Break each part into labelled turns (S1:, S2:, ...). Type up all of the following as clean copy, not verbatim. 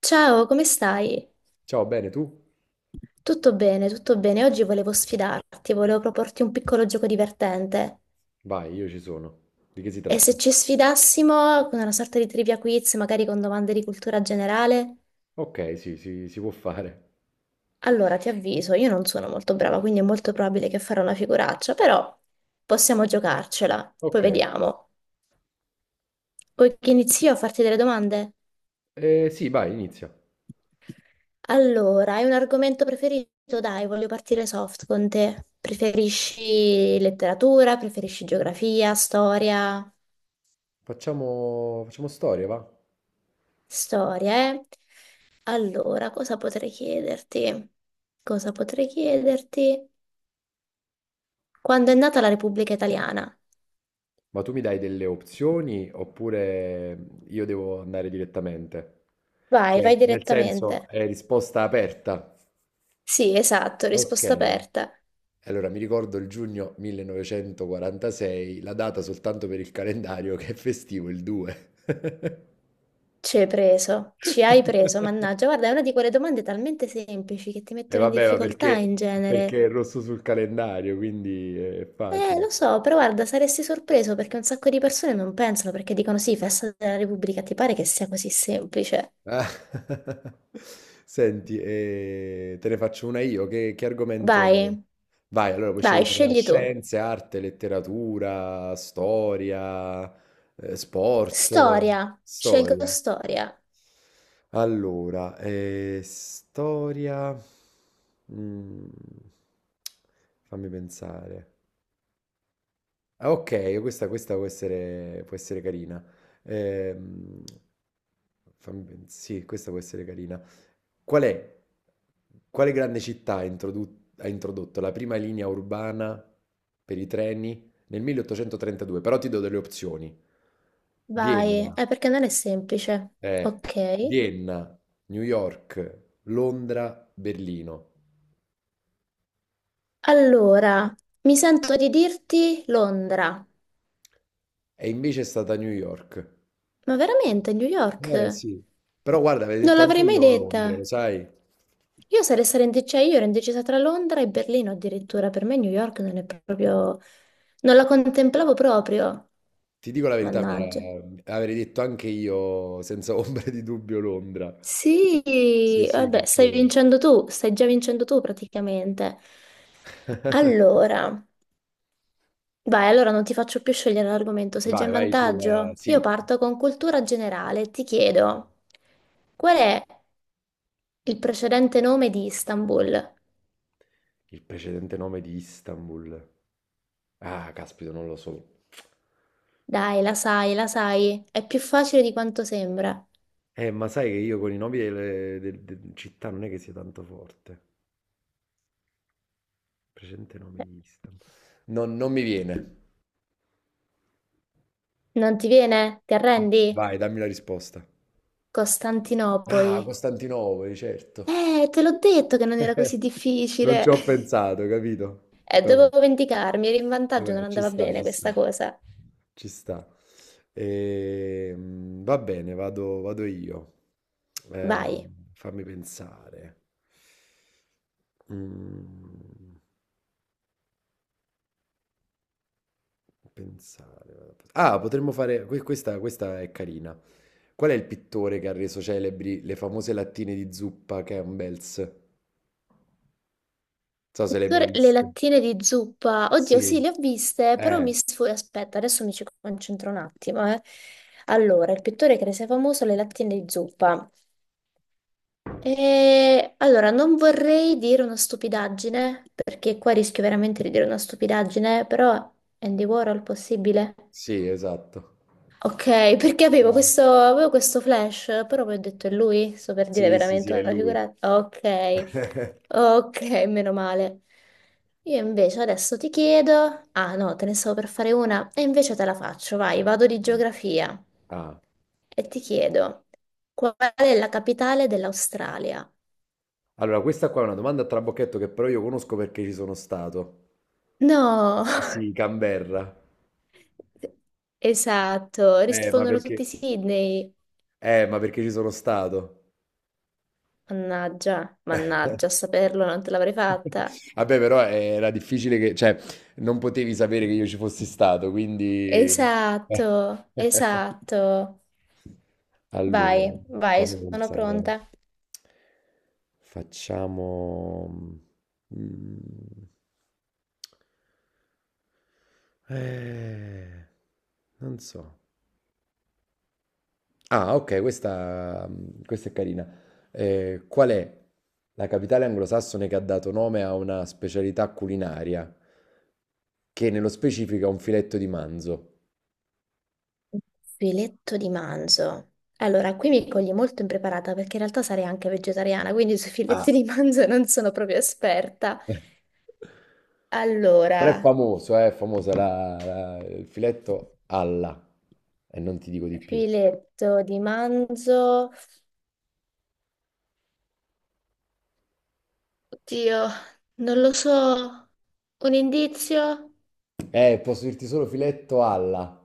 S1: Ciao, come stai?
S2: Ciao, bene tu?
S1: Tutto bene, tutto bene. Oggi volevo sfidarti, volevo proporti un piccolo gioco divertente.
S2: Vai, io ci sono. Di che si
S1: E se
S2: tratta?
S1: ci sfidassimo con una sorta di trivia quiz, magari con domande di cultura generale?
S2: Ok, sì, sì, si può fare.
S1: Allora, ti avviso, io non sono molto brava, quindi è molto probabile che farò una figuraccia, però possiamo giocarcela. Poi
S2: Ok,
S1: vediamo. Vuoi che inizio a farti delle domande?
S2: sì, vai, inizia.
S1: Allora, hai un argomento preferito? Dai, voglio partire soft con te. Preferisci letteratura? Preferisci geografia, storia?
S2: Facciamo storia, va?
S1: Storia, eh? Allora, cosa potrei chiederti? Cosa potrei chiederti? Quando è nata la Repubblica Italiana?
S2: Ma tu mi dai delle opzioni oppure io devo andare direttamente?
S1: Vai, vai
S2: Cioè, nel
S1: direttamente.
S2: senso, è risposta aperta.
S1: Sì, esatto,
S2: Ok.
S1: risposta aperta.
S2: Allora, mi ricordo il giugno 1946, la data soltanto per il calendario che è festivo il 2.
S1: Ci hai preso, mannaggia. Guarda, è una di quelle domande talmente semplici che ti
S2: E
S1: mettono in
S2: vabbè,
S1: difficoltà in genere.
S2: perché è rosso sul calendario, quindi è facile.
S1: Lo so, però guarda, saresti sorpreso perché un sacco di persone non pensano perché dicono sì, festa della Repubblica, ti pare che sia così semplice?
S2: Ah, Senti, te ne faccio una io. Che argomento?
S1: Vai,
S2: Vai, allora puoi
S1: vai,
S2: scegliere tra
S1: scegli tu.
S2: scienze, arte, letteratura, storia, sport,
S1: Storia, scelgo
S2: storia.
S1: storia.
S2: Allora, storia. Mm, fammi pensare. Ah, ok, questa può essere carina. Ehm, sì, questa può essere carina. Qual è, quale grande città ha ha introdotto la prima linea urbana per i treni nel 1832? Però ti do delle opzioni.
S1: Vai,
S2: Vienna,
S1: è perché non è semplice.
S2: eh,
S1: Ok.
S2: Vienna, New York, Londra, Berlino.
S1: Allora, mi sento di dirti Londra.
S2: E invece è stata New York.
S1: Ma veramente, New
S2: Eh
S1: York?
S2: sì. Però guarda, avevo
S1: Non
S2: detto anche
S1: l'avrei mai
S2: io Londra, lo
S1: detta.
S2: sai?
S1: Io sarei stata indecisa, io ero indecisa tra Londra e Berlino addirittura. Per me New York non è proprio... Non la contemplavo proprio.
S2: Ti dico la verità, mi era
S1: Mannaggia.
S2: avrei detto anche io senza ombra di dubbio Londra. Sì,
S1: Sì,
S2: sì,
S1: vabbè, stai
S2: perché
S1: vincendo tu, stai già vincendo tu praticamente. Allora... Vai, allora non ti faccio più scegliere l'argomento, sei già
S2: Vai,
S1: in
S2: vai tu.
S1: vantaggio. Io
S2: Sì,
S1: parto con cultura generale, ti chiedo, qual è il precedente nome di Istanbul?
S2: il precedente nome di Istanbul. Ah, caspita, non lo so.
S1: Dai, la sai, è più facile di quanto sembra.
S2: Ma sai che io con i nomi città non è che sia tanto forte. Precedente nome di Istanbul. Non mi viene.
S1: Non ti viene? Ti arrendi?
S2: Vai, dammi la risposta. Ah,
S1: Costantinopoli.
S2: Costantinopoli, certo.
S1: Te l'ho detto che non era così
S2: Non
S1: difficile.
S2: ci ho pensato, capito?
S1: E
S2: Vabbè.
S1: dovevo vendicarmi, eri in vantaggio, non
S2: Vabbè, ci
S1: andava
S2: sta,
S1: bene
S2: ci
S1: questa
S2: sta,
S1: cosa.
S2: ci sta. Va bene, vado io. Eh,
S1: Vai.
S2: fammi pensare. Mm, pensare. Ah, potremmo fare... questa è carina. Qual è il pittore che ha reso celebri le famose lattine di zuppa Campbell's? Non so se le hai mai
S1: Tor- Le
S2: viste.
S1: lattine di zuppa, oddio,
S2: Sì,
S1: sì, le ho viste, però mi
S2: eh,
S1: sfugge. Aspetta, adesso mi ci concentro un attimo, Allora, il pittore che rese famoso le lattine di zuppa. E... Allora, non vorrei dire una stupidaggine, perché qua rischio veramente di dire una stupidaggine, però Andy Warhol possibile?
S2: sì, esatto.
S1: Ok, perché avevo questo flash, però poi ho detto è lui, sto per dire
S2: Sì, sì, sì,
S1: veramente
S2: è
S1: una
S2: lui.
S1: figurata. Ok, ok, meno male. Io invece adesso ti chiedo, ah no, te ne stavo per fare una, e invece te la faccio, vai, vado di
S2: Vai.
S1: geografia
S2: Ah,
S1: e ti chiedo, qual è la capitale dell'Australia?
S2: allora questa qua è una domanda a trabocchetto che però io conosco perché ci sono stato.
S1: No,
S2: Sì, Canberra.
S1: esatto,
S2: Eh, ma
S1: rispondono tutti
S2: perché?
S1: Sydney.
S2: Ma perché ci sono stato?
S1: Mannaggia, mannaggia, a saperlo non te l'avrei fatta.
S2: Vabbè, però era difficile che, cioè, non potevi sapere che io ci fossi stato, quindi...
S1: Esatto, esatto.
S2: Allora,
S1: Vai, vai,
S2: fammi
S1: sono
S2: pensare.
S1: pronta.
S2: Facciamo... mm, eh, non so. Ah, ok, questa è carina. Qual è la capitale anglosassone che ha dato nome a una specialità culinaria, che nello specifico è un filetto di manzo?
S1: Filetto di manzo. Allora, qui mi cogli molto impreparata perché in realtà sarei anche vegetariana, quindi sui filetti
S2: Ah.
S1: di manzo non sono proprio esperta.
S2: Però è
S1: Allora,
S2: famoso, è famosa il filetto alla, e non ti dico di più.
S1: filetto di manzo. Oddio, non lo so. Un indizio
S2: Posso dirti solo filetto alla.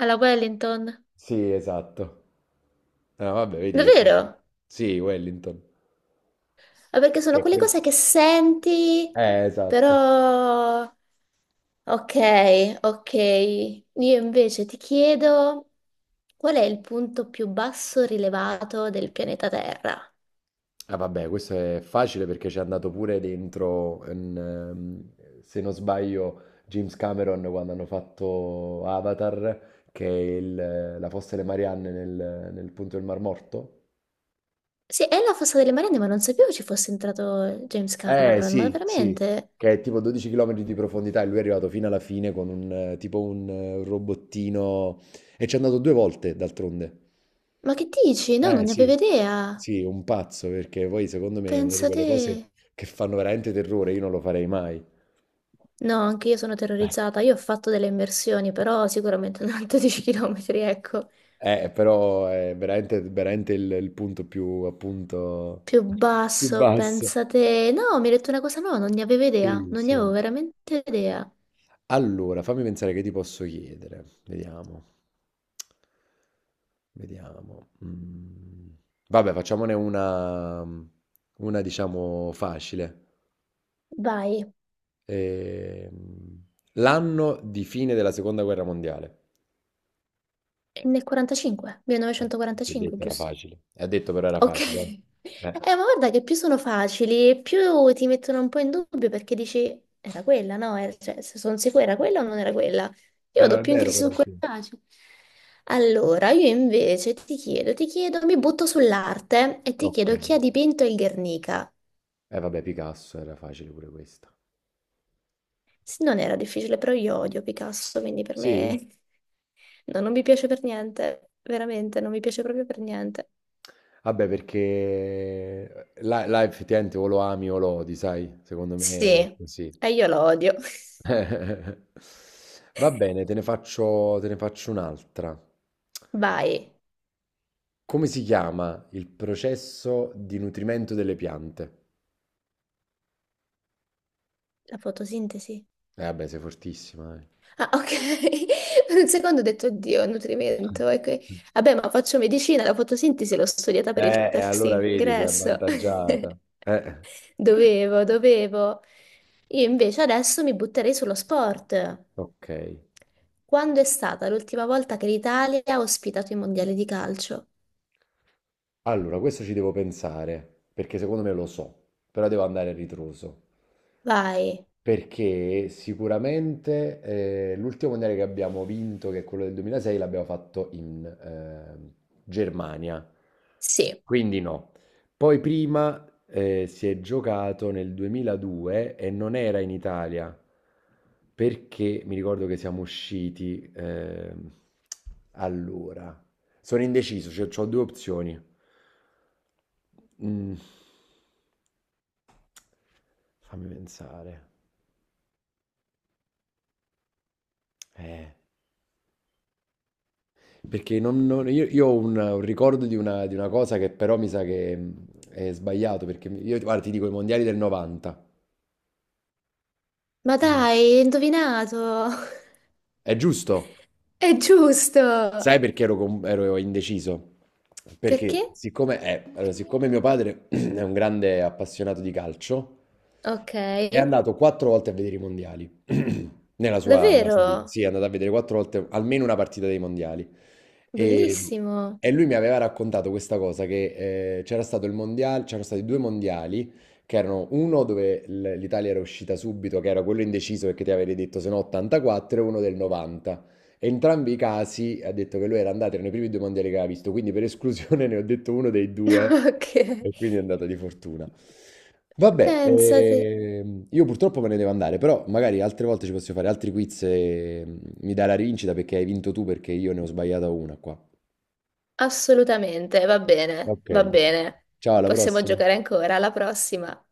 S1: alla Wellington.
S2: Sì, esatto. Ah, vabbè, vedi che...
S1: Davvero?
S2: Sì, Wellington.
S1: Ma perché
S2: Che
S1: sono
S2: è
S1: quelle
S2: quello.
S1: cose che senti,
S2: Esatto.
S1: però... Ok, ok. Io invece ti chiedo qual è il punto più basso rilevato del pianeta Terra?
S2: Ah, vabbè, questo è facile perché ci è andato pure dentro, in, se non sbaglio, James Cameron quando hanno fatto Avatar, che è la fossa delle Marianne nel punto del Mar Morto.
S1: Sì, è la fossa delle Marianne, ma non sapevo ci fosse entrato James
S2: Eh
S1: Cameron, ma
S2: sì, sì,
S1: veramente?
S2: che è tipo 12 km di profondità e lui è arrivato fino alla fine con un tipo un robottino e ci è andato due volte d'altronde.
S1: Ma che dici? No, non
S2: Eh
S1: ne avevo
S2: sì,
S1: idea.
S2: sì, un pazzo perché poi secondo me è una di
S1: Pensa
S2: quelle
S1: te.
S2: cose che fanno veramente terrore, io non lo farei mai.
S1: No, anche io sono terrorizzata. Io ho fatto delle immersioni, però sicuramente non 12 km, ecco.
S2: Però è veramente il punto più appunto
S1: Più
S2: più
S1: basso,
S2: basso.
S1: pensate. No, mi hai detto una cosa nuova, non ne avevo idea,
S2: Sì,
S1: non ne avevo
S2: sì.
S1: veramente idea.
S2: Allora, fammi pensare che ti posso chiedere. Vediamo. Mm. Vabbè, una diciamo facile.
S1: Vai,
S2: Ehm, L'anno di fine della seconda guerra mondiale.
S1: nel 45,
S2: Eh, L'ho
S1: 1945,
S2: detto, era
S1: giusto?
S2: facile. Ha detto però era
S1: Ok.
S2: facile. Eh, eh
S1: Ma guarda che più sono facili, più ti mettono un po' in dubbio perché dici, era quella, no? Era- Cioè, se sono sicura era quella o non era quella? Io
S2: Eh no,
S1: vado
S2: è
S1: più in
S2: vero
S1: crisi
S2: però,
S1: su quel
S2: sì.
S1: facile. Allora, io invece ti chiedo, mi butto sull'arte e ti
S2: Ok.
S1: chiedo chi ha dipinto il Guernica?
S2: Eh vabbè, Picasso era facile pure questa.
S1: Sì, non era difficile, però io odio Picasso, quindi per
S2: Sì?
S1: me no, non mi piace per niente, veramente, non mi piace proprio per niente.
S2: Vabbè, perché là effettivamente o lo ami o lo odi, sai? Secondo
S1: Sì,
S2: me sì.
S1: e io lo odio.
S2: Va bene, te ne faccio un'altra.
S1: Vai,
S2: Come si chiama il processo di nutrimento delle piante?
S1: la fotosintesi.
S2: Eh vabbè, sei fortissima, eh.
S1: Ah, ok. Per un secondo ho detto, oddio, nutrimento. E que- Vabbè, ma faccio medicina, la fotosintesi l'ho studiata per il
S2: E
S1: test
S2: allora vedi, sei
S1: ingresso.
S2: avvantaggiata. Eh.
S1: Dovevo, dovevo. Io invece adesso mi butterei sullo sport.
S2: Ok.
S1: Quando è stata l'ultima volta che l'Italia ha ospitato i mondiali di calcio?
S2: Allora, questo ci devo pensare, perché secondo me lo so, però devo andare a ritroso.
S1: Vai.
S2: Perché sicuramente l'ultimo mondiale che abbiamo vinto, che è quello del 2006, l'abbiamo fatto in Germania,
S1: Sì.
S2: quindi no. Poi prima si è giocato nel 2002 e non era in Italia, perché mi ricordo che siamo usciti allora. Sono indeciso, cioè ho due opzioni. Mm, fammi pensare. Eh. Perché io ho un ricordo di di una cosa che però mi sa che è sbagliato, perché io, guarda, ti dico i mondiali del 90.
S1: Ma dai,
S2: No.
S1: hai indovinato.
S2: È giusto?
S1: È
S2: Sai
S1: giusto.
S2: perché ero, ero indeciso?
S1: Perché?
S2: Perché siccome, allora, siccome mio padre è un grande appassionato di calcio,
S1: Ok.
S2: è andato quattro volte a vedere i mondiali nella nella sua vita.
S1: Davvero?
S2: Sì, è andato a vedere quattro volte almeno una partita dei mondiali. E,
S1: Bellissimo.
S2: e lui mi aveva raccontato questa cosa, che c'era stato il mondiale, c'erano stati due mondiali, che erano uno dove l'Italia era uscita subito, che era quello indeciso perché ti avevi detto se no 84, e uno del 90. Entrambi i casi ha detto che lui era andato nei primi due mondiali che aveva visto, quindi per esclusione ne ho detto uno dei due
S1: Ok,
S2: e quindi è andato di fortuna. Vabbè,
S1: pensate,
S2: io purtroppo me ne devo andare, però magari altre volte ci possiamo fare altri quiz e mi dai la rivincita perché hai vinto tu perché io ne ho sbagliata una qua.
S1: assolutamente, va bene,
S2: Ok,
S1: va bene.
S2: ciao, alla
S1: Possiamo
S2: prossima.
S1: giocare ancora, alla prossima.